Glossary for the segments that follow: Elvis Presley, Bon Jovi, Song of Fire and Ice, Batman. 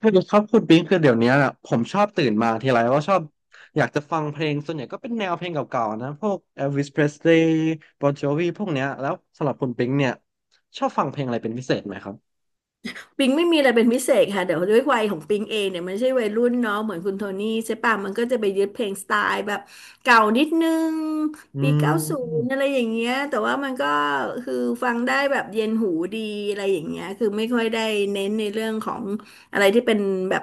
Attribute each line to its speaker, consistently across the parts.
Speaker 1: คือครับคุณปิงคือเดี๋ยวเนี้ยอะผมชอบตื่นมาทีไรว่าชอบอยากจะฟังเพลงส่วนใหญ่ก็เป็นแนวเพลงเก่าๆนะพวก Elvis Presley Bon Jovi พวกเนี้ยแล้วสำหรับคุณปิงเนี่ยชอบฟังเพลงอะไรเป็นพิเศษไหมครับ
Speaker 2: ปิงไม่มีอะไรเป็นพิเศษค่ะเดี๋ยวด้วยวัยของปิงเองเนี่ยมันไม่ใช่วัยรุ่นเนาะเหมือนคุณโทนี่ใช่ป่ะมันก็จะไปยึดเพลงสไตล์แบบเก่านิดนึง
Speaker 1: อื
Speaker 2: ปี 90
Speaker 1: ม
Speaker 2: อะไรอย่างเงี้ยแต่ว่ามันก็คือฟังได้แบบเย็นหูดีอะไรอย่างเงี้ยคือไม่ค่อยได้เน้นในเรื่องของอะไรที่เป็นแบบ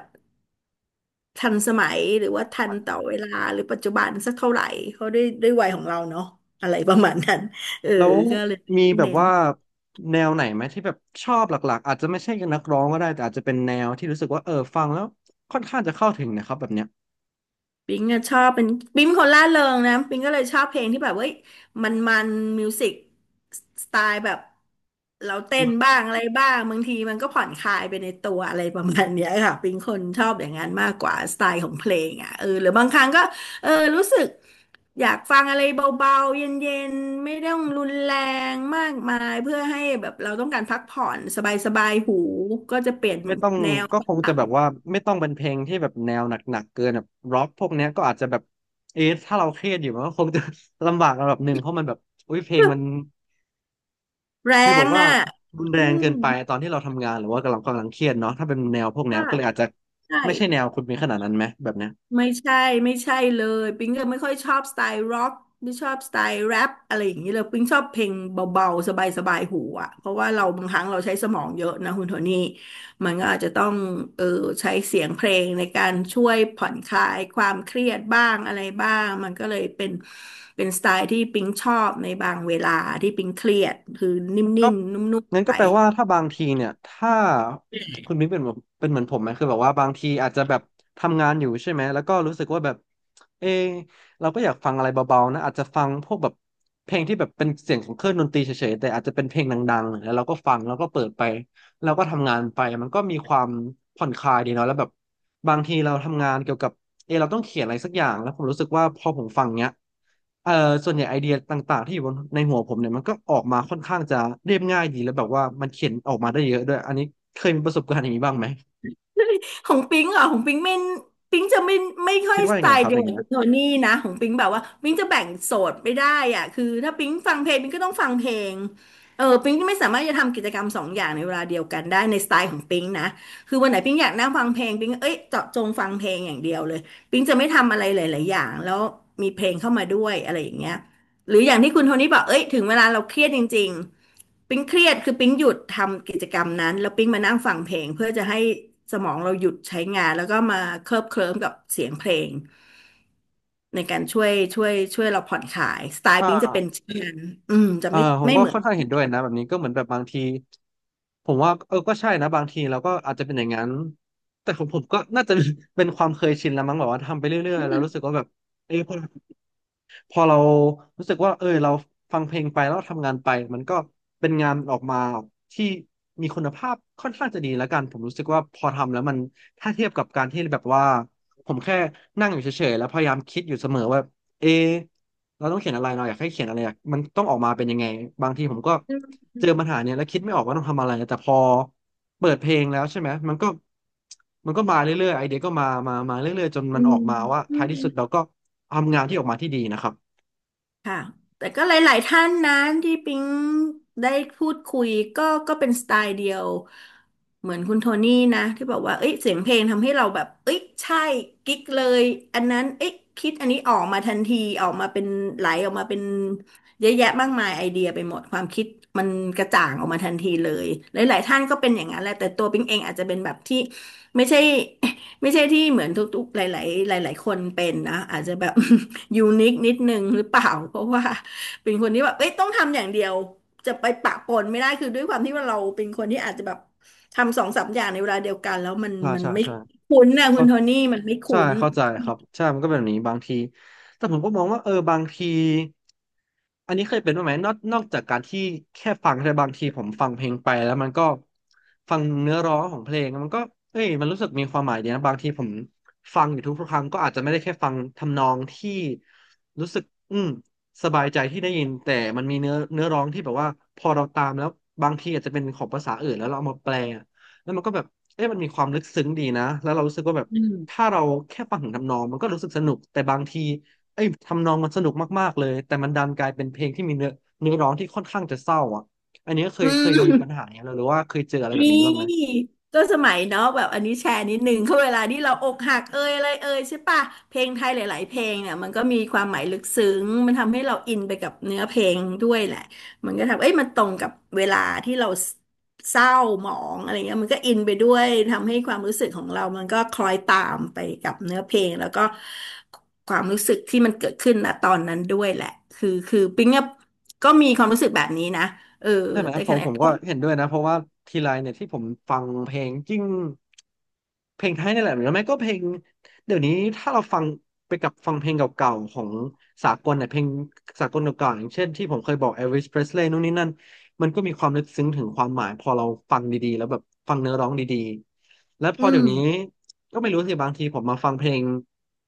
Speaker 2: ทันสมัยหรือว่าทันต่อเวลาหรือปัจจุบันสักเท่าไหร่เขาะด้วยวัยของเราเนาะอะไรประมาณนั้นเออ
Speaker 1: แล้ว
Speaker 2: ก็เลยไม
Speaker 1: มี
Speaker 2: ่
Speaker 1: แบบ
Speaker 2: เน้น
Speaker 1: ว่าแนวไหนไหมที่แบบชอบหลักๆอาจจะไม่ใช่นักร้องก็ได้แต่อาจจะเป็นแนวที่รู้สึกว่าเออฟังแล้วค่อนข้างจะเข้าถึงนะครับแบบเนี้ย
Speaker 2: ปิงอะชอบเป็นปิงเป็นคนร่าเริงนะปิงก็เลยชอบเพลงที่แบบเว้ยมันมิวสิกสไตล์แบบเราเต้นบ้างอะไรบ้างบางทีมันก็ผ่อนคลายไปในตัวอะไรประมาณเนี้ยค่ะปิงคนชอบอย่างนั้นมากกว่าสไตล์ของเพลงอ่ะเออหรือบางครั้งก็เออรู้สึกอยากฟังอะไรเบาๆเย็นๆไม่ต้องรุนแรงมากมายเพื่อให้แบบเราต้องการพักผ่อนสบายๆหูก็จะเปลี่ยน
Speaker 1: ไม่ต้อง
Speaker 2: แนว
Speaker 1: ก็
Speaker 2: บ
Speaker 1: คง
Speaker 2: ้า
Speaker 1: จะ
Speaker 2: ง
Speaker 1: แบบว่าไม่ต้องเป็นเพลงที่แบบแนวหนักๆเกินแบบร็อกพวกเนี้ยก็อาจจะแบบเอะถ้าเราเครียดอยู่มันก็คงจะ ลำบากระดับหนึ่งเพราะมันแบบอุ้ยเพลงมัน
Speaker 2: แร
Speaker 1: ฟีลบอ
Speaker 2: ง
Speaker 1: กว่า
Speaker 2: อ่ะ
Speaker 1: รุนแร
Speaker 2: อื
Speaker 1: งเกิ
Speaker 2: ม
Speaker 1: นไปตอนที่เราทำงานหรือว่ากำลังเครียดเนาะถ้าเป็นแนวพวกเนี้
Speaker 2: ก็
Speaker 1: ยก็เลยอาจจะ
Speaker 2: ใช่
Speaker 1: ไม่ใช่แนวคุณมีขนาดนั้นไหมแบบเนี้ย
Speaker 2: ไม่ใช่ไม่ใช่เลยปิ๊งก็ไม่ค่อยชอบสไตล์ร็อกไม่ชอบสไตล์แรปอะไรอย่างนี้เลยปิ๊งชอบเพลงเบาๆสบายๆหูอ่ะเพราะว่าเราบางครั้งเราใช้สมองเยอะนะคุณโทนี่มันก็อาจจะต้องเออใช้เสียงเพลงในการช่วยผ่อนคลายความเครียดบ้างอะไรบ้างมันก็เลยเป็นสไตล์ที่ปิ๊งชอบในบางเวลาที่ปิ๊งเครียดคือนิ่
Speaker 1: ก็
Speaker 2: มๆนุ่ม
Speaker 1: งั้น
Speaker 2: ๆ
Speaker 1: ก็
Speaker 2: ไป
Speaker 1: แปลว่าถ้าบางทีเนี่ยถ้าคุณมิ้งเป็นแบบเป็นเหมือนผมไหมคือแบบว่าบางทีอาจจะแบบทำงานอยู่ใช่ไหมแล้วก็รู้สึกว่าแบบเออเราก็อยากฟังอะไรเบาๆนะอาจจะฟังพวกแบบเพลงที่แบบเป็นเสียงของเครื่องดนตรีเฉยๆแต่อาจจะเป็นเพลงดังๆแล้วเราก็ฟังแล้วก็เปิดไป เราก็ทำงานไปมันก็มีความผ่อนคลายดีเนาะแล้วแบบบางทีเราทำงานเกี่ยวกับเออเราต้องเขียนอะไรสักอย่างแล้วผมรู้สึกว่าพอผมฟังเนี้ยเออส่วนใหญ่ไอเดียต่างๆที่อยู่บนในหัวผมเนี่ยมันก็ออกมาค่อนข้างจะเรียบง่ายดีแล้วแบบว่ามันเขียนออกมาได้เยอะด้วยอันนี้เคยมีประสบการณ์อย่างนี้บ้างไหม
Speaker 2: ของปิงเหรอ่ะของปิงไม่ปิงจะไม่ไม่ค่อ
Speaker 1: คิ
Speaker 2: ย
Speaker 1: ดว่า
Speaker 2: ส
Speaker 1: ยัง
Speaker 2: ไต
Speaker 1: ไงค
Speaker 2: ล์
Speaker 1: รับ
Speaker 2: เดี
Speaker 1: อ
Speaker 2: ยว
Speaker 1: ย่าง
Speaker 2: กับ
Speaker 1: เงี้ย
Speaker 2: คุณโทนี่นะของปิงแบบว่าปิงจะแบ่งโสดไม่ได้อ่ะคือถ้าปิงฟังเพลงปิงก็ต้องฟังเพลงเออปิงไม่สามารถจะทำกิจกรรมสองอย่างในเวลาเดียวกันได้ในสไตล์ของปิงนะคือวันไหนปิงอยากนั่งฟังเพลงปิงเอ้ยเจาะจงฟังเพลงอย่างเดียวเลยปิงจะไม่ทำอะไรหลายๆอย่างแล้วมีเพลงเข้ามาด้วยอะไรอย่างเงี้ย หรืออย่างที่คุณโทนี่บอกเอ้ยถึงเวลาเราเครียดจริงๆปิ๊งเครียดคือปิ๊งหยุดทำกิจกรรมนั้นแล้วปิ๊งมานั่งฟังเพลงเพื่อจะให้สมองเราหยุดใช้งานแล้วก็มาเคลิบเคลิ้มกับเสียงเพลงในการช่วยเราผ่อนคลายสไตล์
Speaker 1: อ่
Speaker 2: ปิ๊งจะเป็น
Speaker 1: า
Speaker 2: เช่นนั้นอืมจะ
Speaker 1: เออ
Speaker 2: ไม่
Speaker 1: ผม
Speaker 2: ไม่
Speaker 1: ก็
Speaker 2: เหมือ
Speaker 1: ค่
Speaker 2: น
Speaker 1: อนข้างเห็นด้วยนะแบบนี้ก็เหมือนแบบบางทีผมว่าเออก็ใช่นะบางทีเราก็อาจจะเป็นอย่างนั้นแต่ของผมก็น่าจะ เป็นความเคยชินแล้วมั้งแบบว่าทำไปเรื่อยๆแล้วรู้สึกว่าแบบเออ พอเรารู้สึกว่าเออเราฟังเพลงไปแล้วเราทำงานไปมันก็เป็นงานออกมาที่มีคุณภาพค่อนข้างจะดีแล้วกันผมรู้สึกว่าพอทำแล้วมันถ้าเทียบกับการที่แบบว่าผมแค่นั่งอยู่เฉยๆแล้วพยายามคิดอยู่เสมอว่าเอะเราต้องเขียนอะไรเราอยากให้เขียนอะไรอยากมันต้องออกมาเป็นยังไงบางทีผมก็เจอปัญหาเนี่ยแล้วคิดไม่ออกว่าต้องทำอะไรแต่พอเปิดเพลงแล้วใช่ไหมมันก็มันก็มาเรื่อยๆไอเดียก็มาเรื่อยๆจนมั
Speaker 2: อื
Speaker 1: นออกมาว่าท้ายที่สุด
Speaker 2: ม
Speaker 1: เราก็ทำงานที่ออกมาที่ดีนะครับ
Speaker 2: ค่ะแต่ก็หลายๆท่านนะที่ปิ๊งได้พูดคุยก็เป็นสไตล์เดียวเหมือนคุณโทนี่นะที่บอกว่าเอ้ยเสียงเพลงทำให้เราแบบเอ้ยใช่กิ๊กเลยอันนั้นเอ้ยคิดอันนี้ออกมาทันทีออกมาเป็นไหลออกมาเป็นเยอะแยะมากมายไอเดียไปหมดความคิดมันกระจ่างออกมาทันทีเลยหลายๆท่านก็เป็นอย่างนั้นแหละแต่ตัวปิ๊งเองอาจจะเป็นแบบที่ไม่ใช่ไม่ใช่ที่เหมือนทุกๆหลายๆหลายๆคนเป็นนะอาจจะแบบ ยูนิคนิดนึงหรือเปล่า เพราะว่าเป็นคนที่แบบเอ้ยต้องทำอย่างเดียวจะไปปะปนไม่ได้คือด้วยความที่ว่าเราเป็นคนที่อาจจะแบบทำสองสามอย่างในเวลาเดียวกันแล้วมัน
Speaker 1: ใช่
Speaker 2: มัน
Speaker 1: ใช่
Speaker 2: ไม่
Speaker 1: ใช่
Speaker 2: คุ้นนะคุ
Speaker 1: เขา
Speaker 2: ณโทนี่มันไม่
Speaker 1: ใช่
Speaker 2: คุ้น
Speaker 1: เข้าใจครับใช่มันก็เป็นแบบนี้บางทีแต่ผมก็มองว่าเออบางทีอันนี้เคยเป็นบ้างไหมนอกจากการที่แค่ฟังแต่บางทีผมฟังเพลงไปแล้วมันก็ฟังเนื้อร้องของเพลงมันก็เอ้ยมันรู้สึกมีความหมายดีนะบางทีผมฟังอยู่ทุกๆครั้งก็อาจจะไม่ได้แค่ฟังทำนองที่รู้สึกอืมสบายใจที่ได้ยินแต่มันมีเนื้อร้องที่แบบว่าพอเราตามแล้วบางทีอาจจะเป็นของภาษาอื่นแล้วเราเอามาแปล แล้วมันก็แบบเอ๊ะมันมีความลึกซึ้งดีนะแล้วเรารู้สึกว่าแบบถ้าเราแค่ฟังถึงทำนองมันก็รู้สึกสนุกแต่บางทีไอ้ยทำนองมันสนุกมากๆเลยแต่มันดันกลายเป็นเพลงที่มีเนื้อร้องที่ค่อนข้างจะเศร้าอ่ะอันนี้เคย
Speaker 2: อื
Speaker 1: เคยมีปัญ
Speaker 2: ม
Speaker 1: หาอย่างเงี้ยหรือว่าเคยเจออะไรแบบ
Speaker 2: นี
Speaker 1: นี้บ้างไหม
Speaker 2: ่ก็สมัยเนาะแบบอันนี้แชร์นิดนึงเขาเวลาที่เราอกหักเอยอะไรเอยใช่ปะเพลงไทยหลายๆเพลงเนี่ยมันก็มีความหมายลึกซึ้งมันทำให้เราอินไปกับเนื้อเพลงด้วยแหละมันก็ทำเอ้ยมันตรงกับเวลาที่เราเศร้าหมองอะไรเงี้ยมันก็อินไปด้วยทำให้ความรู้สึกของเรามันก็คล้อยตามไปกับเนื้อเพลงแล้วก็ความรู้สึกที่มันเกิดขึ้นณตอนนั้นด้วยแหละคือปิ๊งอะก็มีความรู้สึกแบบนี้นะเออ
Speaker 1: ใช่ไหม
Speaker 2: แต่
Speaker 1: ผ
Speaker 2: ข
Speaker 1: ม
Speaker 2: ณะ
Speaker 1: ผมก็เห็นด้วยนะเพราะว่าทีไรเนี่ยที่ผมฟังเพลงจริงเพลงไทยนี่แหละหรือไม่ก็เพลงเดี๋ยวนี้ถ้าเราฟังไปกับฟังเพลงเก่าๆของสากลเนี่ยเพลงสากลเก่าๆอย่างเช่นที่ผมเคยบอก Elvis Presley นู่นนี่นั่นมันก็มีความลึกซึ้งถึงความหมายพอเราฟังดีๆแล้วแบบฟังเนื้อร้องดีๆและพ
Speaker 2: อื
Speaker 1: อเดี๋ย
Speaker 2: ม
Speaker 1: วนี้ ก็ไม่รู้สิบางทีผมมาฟังเพลง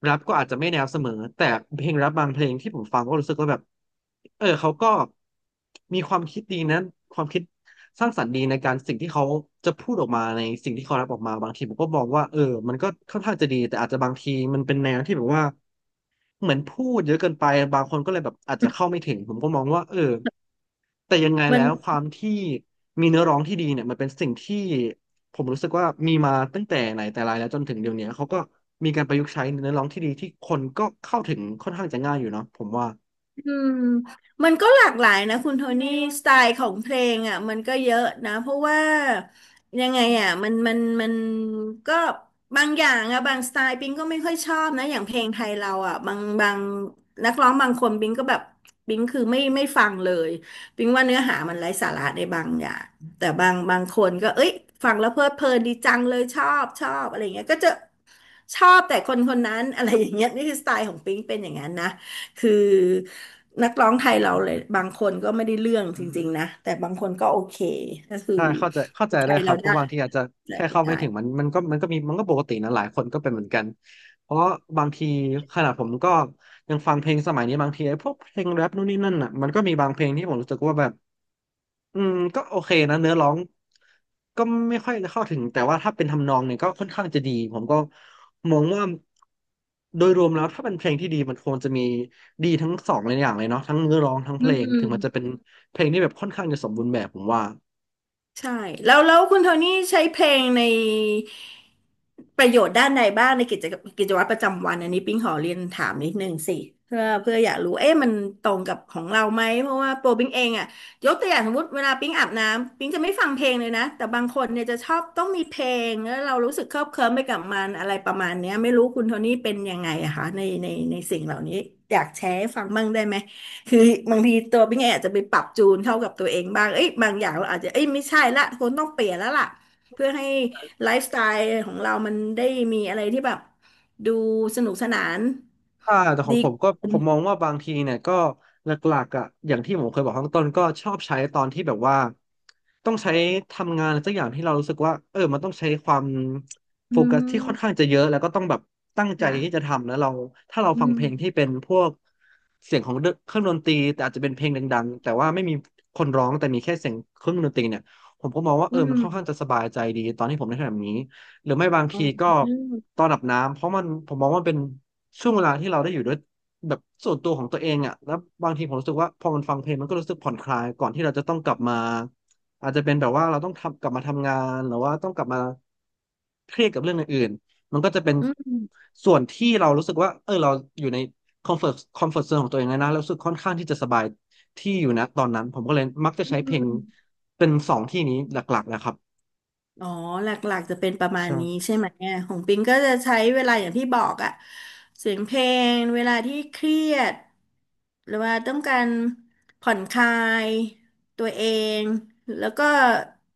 Speaker 1: แรปก็อาจจะไม่แนวเสมอแต่เพลงแรปบางเพลงที่ผมฟังก็รู้สึกว่าแบบเขาก็มีความคิดดีนะความคิดสร้างสรรค์ดีในการสิ่งที่เขาจะพูดออกมาในสิ่งที่เขาแรปออกมาบางทีผมก็มองว่ามันก็ค่อนข้างจะดีแต่อาจจะบางทีมันเป็นแนวที่แบบว่าเหมือนพูดเยอะเกินไปบางคนก็เลยแบบอาจจะเข้าไม่ถึงผมก็มองว่าแต่ยังไง
Speaker 2: มั
Speaker 1: แล้
Speaker 2: น
Speaker 1: วความที่มีเนื้อร้องที่ดีเนี่ยมันเป็นสิ่งที่ผมรู้สึกว่ามีมาตั้งแต่ไหนแต่ไรแล้วจนถึงเดี๋ยวนี้เขาก็มีการประยุกต์ใช้เนื้อร้องที่ดีที่คนก็เข้าถึงค่อนข้างจะง่ายอยู่เนาะผมว่า
Speaker 2: อืมมันก็หลากหลายนะคุณโทนี่สไตล์ของเพลงอ่ะมันก็เยอะนะเพราะว่ายังไงอ่ะมันก็บางอย่างอ่ะบางสไตล์ปิงก็ไม่ค่อยชอบนะอย่างเพลงไทยเราอ่ะบางนักร้องบางคนปิงก็แบบปิงคือไม่ฟังเลยปิงว่าเนื้อหามันไร้สาระในบางอย่างแต่บางคนก็เอ้ยฟังแล้วเพลิดเพลินดีจังเลยชอบอะไรเงี้ยก็จะชอบแต่คนคนนั้นอะไรอย่างเงี้ยนี่คือสไตล์ของปิงเป็นอย่างนั้นนะ คือนักร้องไทยเราเลยบางคนก็ไม่ได้เรื่องจริงๆนะแต่บางคนก็โอเคก็คือ
Speaker 1: ใช่เข้าใจ
Speaker 2: ใจ
Speaker 1: ได้ค
Speaker 2: เรา
Speaker 1: รับเพ
Speaker 2: ได้
Speaker 1: ราะบางทีอาจจะ
Speaker 2: ใจ
Speaker 1: แค่
Speaker 2: เรา
Speaker 1: เข้า
Speaker 2: ได้
Speaker 1: ไม่ถึงมันก็มีมันก็ปกตินะหลายคนก็เป็นเหมือนกันเพราะบางทีขนาดผมก็ยังฟังเพลงสมัยนี้บางทีไอ้พวกเพลงแรปนู่นนี่นั่นอ่ะมันก็มีบางเพลงที่ผมรู้สึกว่าแบบ อืมก็โอเคนะเนื้อร้องก็ไม่ค่อยเข้าถึงแต่ว่าถ้าเป็นทำนองเนี่ยก็ค่อนข้างจะดีผมก็มองว่าโดยรวมแล้วถ้าเป็นเพลงที่ดีมันควรจะมีดีทั้งสองเลยอย่างเลยเนาะทั้งเนื้อร้องทั้งเพ
Speaker 2: อื
Speaker 1: ลงถึงมันจะเป็
Speaker 2: ม
Speaker 1: นเพลงที่แบบค่อนข้างจะสมบูรณ์แบบผมว่า
Speaker 2: ใช่แล้วคุณโทนี่ใช้เพลงในประโยชน์ด้านใดบ้างในกิจกรรมกิจวัตรประจำวันอันนี้ปิ๊งขอเรียนถามนิดนึงสิเพื่ออยากรู้เอ๊ะมันตรงกับของเราไหมเพราะว่าโปรปิ๊งเองอะยกตัวอย่างสมมติเวลาปิ๊งอาบน้ำปิ๊งจะไม่ฟังเพลงเลยนะแต่บางคนเนี่ยจะชอบต้องมีเพลงแล้วเรารู้สึกเคลิบเคลิ้มไปกับมันอะไรประมาณเนี้ยไม่รู้คุณโทนี่เป็นยังไงอะคะในในสิ่งเหล่านี้อยากแชร์ให้ฟังบ้างได้ไหม คือบางทีตัวพี่ไงอาจจะไปปรับจูนเข้ากับตัวเองบ้าง เอ้ยบางอย่างเราอาจจะเอ้ยไม่ใช่ละคนต้องเปลี่ยนแล้วล่ะเพื่อให้ไลฟ์สไตล์ของเรามันได้มีอะไรที่แบบดูสนุกสนาน
Speaker 1: ค่ะแต่ของ
Speaker 2: ดี
Speaker 1: ผมก็
Speaker 2: ขึ้
Speaker 1: ผ
Speaker 2: น
Speaker 1: มมองว่าบางทีเนี่ยก็หลักๆอ่ะอย่างที่ผมเคยบอกข้างต้นก็ชอบใช้ตอนที่แบบว่าต้องใช้ทำงานอะไรสักอย่างที่เรารู้สึกว่ามันต้องใช้ความ
Speaker 2: อื
Speaker 1: โฟกัสที่ค่อนข้า
Speaker 2: ม
Speaker 1: งจะเยอะแล้วก็ต้องแบบตั้งใจที่จะ
Speaker 2: ค่ะ
Speaker 1: ทำแล้วเราถ้าเรา
Speaker 2: อื
Speaker 1: ฟัง
Speaker 2: ม
Speaker 1: เพลงที่เป็นพวกเสียงของเครื่องดนตรีแต่อาจจะเป็นเพลงดังๆแต่ว่าไม่มีคนร้องแต่มีแค่เสียงเครื่องดนตรีเนี่ยผมก็มองว่า
Speaker 2: อื
Speaker 1: มันค่อนข้า
Speaker 2: ม
Speaker 1: งจะสบายใจดีตอนที่ผมได้ทำแบบนี้ หรือไม่บาง
Speaker 2: อื
Speaker 1: ที
Speaker 2: ม
Speaker 1: ก็
Speaker 2: อืม
Speaker 1: ตอนอาบน้ำเพราะมันผมมองว่ามันเป็นช่วงเวลาที่เราได้อยู่ด้วยแบบส่วนตัวของตัวเองอ่ะแล้วบางทีผมรู้สึกว่าพอมันฟังเพลงมันก็รู้สึกผ่อนคลายก่อนที่เราจะต้องกลับมาอาจจะเป็นแบบว่าเราต้องทำกลับมาทำงานหรือว่าต้องกลับมาเครียดกับเรื่องอื่นๆมันก็จะเป็นส่วนที่เรารู้สึกว่าเราอยู่ในคอมฟอร์ตโซนของตัวเองแล้วนะแล้วรู้สึกค่อนข้างที่จะสบายที่อยู่นะตอนนั้นผมก็เลยมักจะ
Speaker 2: อื
Speaker 1: ใช้เพลง
Speaker 2: ม
Speaker 1: เป็นสองที่นี้หลักๆนะครับ
Speaker 2: อ๋อหลักๆจะเป็นประมาณนี้
Speaker 1: ใช่
Speaker 2: ใช่ไหมเนี่ยของปิงก็จะใช้เวลาอย่างที่บอกอะเสียงเพลงเวลาที่เครียดหรือว่าต้องการผ่อนคลายตัวเองแล้วก็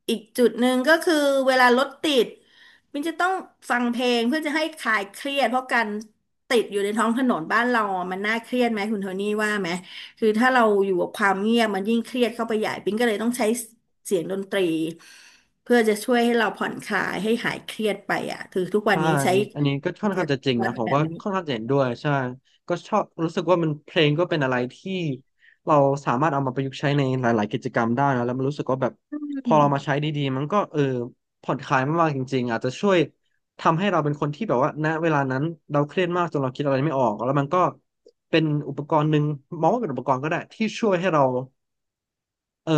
Speaker 2: อีกจุดหนึ่งก็คือเวลารถติดปิงจะต้องฟังเพลงเพื่อจะให้คลายเครียดเพราะการติดอยู่ในท้องถนนบ้านเราอะมันน่าเครียดไหมคุณโทนี่ว่าไหมคือถ้าเราอยู่กับความเงียบมันยิ่งเครียดเข้าไปใหญ่ปิงก็เลยต้องใช้เสียงดนตรี เพื่อจะช่วยให้เราผ่อนคลายให้หายเครียดไปอ่ะคือทุกวัน
Speaker 1: ใช่
Speaker 2: นี้ใช้
Speaker 1: อันนี้ก็ค่อนข้างจะจริง
Speaker 2: วั
Speaker 1: นะ
Speaker 2: ด
Speaker 1: ผม
Speaker 2: แบ
Speaker 1: ก็
Speaker 2: บนี้
Speaker 1: ค่อนข้างจะเห็นด้วยใช่ก็ชอบรู้สึกว่ามันเพลงก็เป็นอะไรที่เราสามารถเอามาประยุกต์ใช้ในหลายๆกิจกรรมได้นะแล้วมันรู้สึกว่าแบบ
Speaker 2: อื
Speaker 1: พอเรามา
Speaker 2: ม
Speaker 1: ใช้ดีๆมันก็ผ่อนคลายมากๆจริงๆอาจจะช่วยทำให้เราเป็นคนที่แบบว่าณเวลานั้นเราเครียดมากจนเราคิดอะไรไม่ออกแล้วมันก็เป็นอุปกรณ์หนึ่งมองว่าเป็นอุปกรณ์ก็ได้ที่ช่วยให้เรา เออ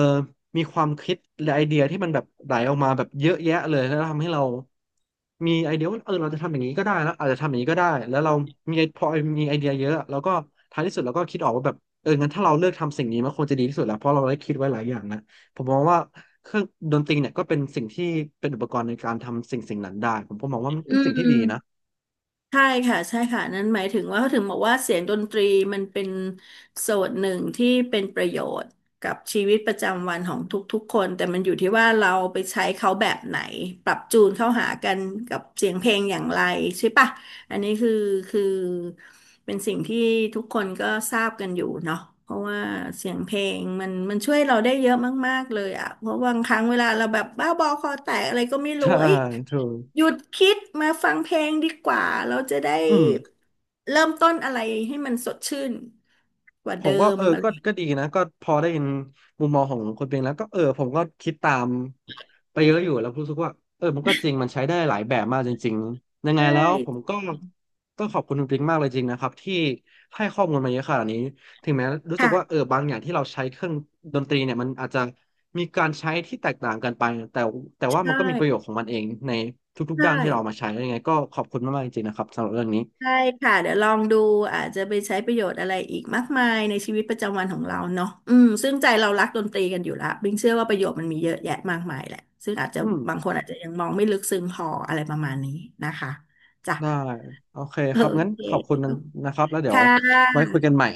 Speaker 1: มีความคิดและไอเดียที่มันแบบไหลออกมาแบบเยอะแยะเลยแล้วทำให้เรามีไอเดียว่าเราจะทำอย่างนี้ก็ได้แล้วอาจจะทำอย่างนี้ก็ได้แล้วเรามีไอพอมีไอเดียเยอะแล้วก็ท้ายที่สุดเราก็คิดออกว่าแบบงั้นถ้าเราเลือกทำสิ่งนี้มันควรจะดีที่สุดแล้วเพราะเราได้คิดไว้หลายอย่างนะผมมองว่าเครื่องดนตรีเนี่ยก็เป็นสิ่งที่เป็นอุปกรณ์ในการทำสิ่งนั้นได้ผมก็มองว่ามัน
Speaker 2: อื
Speaker 1: เป็นสิ่งที่ดีนะ
Speaker 2: ม ใช่ค่ะใช่ค่ะนั่นหมายถึงว่าเขาถึงบอกว่าเสียงดนตรีมันเป็นส่วนหนึ่งที่เป็นประโยชน์กับชีวิตประจำวันของทุกๆคนแต่มันอยู่ที่ว่าเราไปใช้เขาแบบไหนปรับจูนเข้าหากันกับเสียงเพลงอย่างไรใช่ปะอันนี้คือคือเป็นสิ่งที่ทุกคนก็ทราบกันอยู่เนาะเพราะว่าเสียงเพลงมันช่วยเราได้เยอะมากๆเลยอะเพราะบางครั้งเวลาเราแบบบ้าบอคอแตกอะไรก็ไม่ รู้
Speaker 1: ใช่
Speaker 2: เอ้ย
Speaker 1: ถูก
Speaker 2: หยุดคิดมาฟังเพลงดีกว่า เราจะได้
Speaker 1: อืม
Speaker 2: เริ่มต้นอะไรให้มันสดชื่นกว่า
Speaker 1: ผ
Speaker 2: เดิ
Speaker 1: มก็
Speaker 2: มอะไร
Speaker 1: ก็
Speaker 2: อย่าง
Speaker 1: ก็
Speaker 2: เงี้
Speaker 1: ดี
Speaker 2: ย
Speaker 1: นะก็พอได้เห็นมุมมองของคนเป็นแล้วก็ผมก็คิดตามไปเยอะอยู่แล้วรู้สึกว่ามันก็จริงมันใช้ได้หลายแบบมากจริงๆยังไง
Speaker 2: ใช่
Speaker 1: แล้วผมก็ต้องขอบคุณคุณปิงมากเลยจริงนะครับที่ให้ข้อมูลมาเยอะขนาดนี้ถึงแม้รู้สึกว่า
Speaker 2: ค่ะ
Speaker 1: บางอย่างที่เราใช้เครื่องดนตรีเนี่ยมันอาจจะมีการใช้ที่แตกต่างกันไปแต่แต่ว่ามั
Speaker 2: ใช่
Speaker 1: นก็มีประโยชน์ของมันเองในทุกๆ
Speaker 2: ใช่
Speaker 1: ด้านที่เราเอามาใช้ยังไงก็ขอบคุณมากๆจริงๆนะครับสำหรับเรื่องนี้
Speaker 2: ใช่ค่ะเดี๋ยวลองดูอาจจะไปใช้ประโยชน์อะไรอีกมากมายในชีวิตประจำวันของเราเนาะอืมซึ่งใจเรารักดนตรีกันอยู่ละบิงเชื่อว่าประโยชน์มันมีเยอะแยะมากมายแหละซึ่งอาจจะ
Speaker 1: อืม
Speaker 2: บางคนอาจจะยังมองไม่ลึกซึ้งพออะไรประมาณนี้นะคะจ้ะ
Speaker 1: ได้โอเค
Speaker 2: โอ
Speaker 1: ครับงั้น
Speaker 2: เค
Speaker 1: ขอบคุณนะครับแล้วเดี๋ยว
Speaker 2: ค่
Speaker 1: ไว้
Speaker 2: ะ
Speaker 1: คุยกันใหม่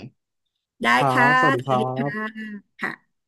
Speaker 2: ได้
Speaker 1: ครั
Speaker 2: ค่ะ
Speaker 1: บสวัสดี
Speaker 2: ส
Speaker 1: ค
Speaker 2: วัส
Speaker 1: รั
Speaker 2: ดีค่ะ
Speaker 1: บ
Speaker 2: ค่ะ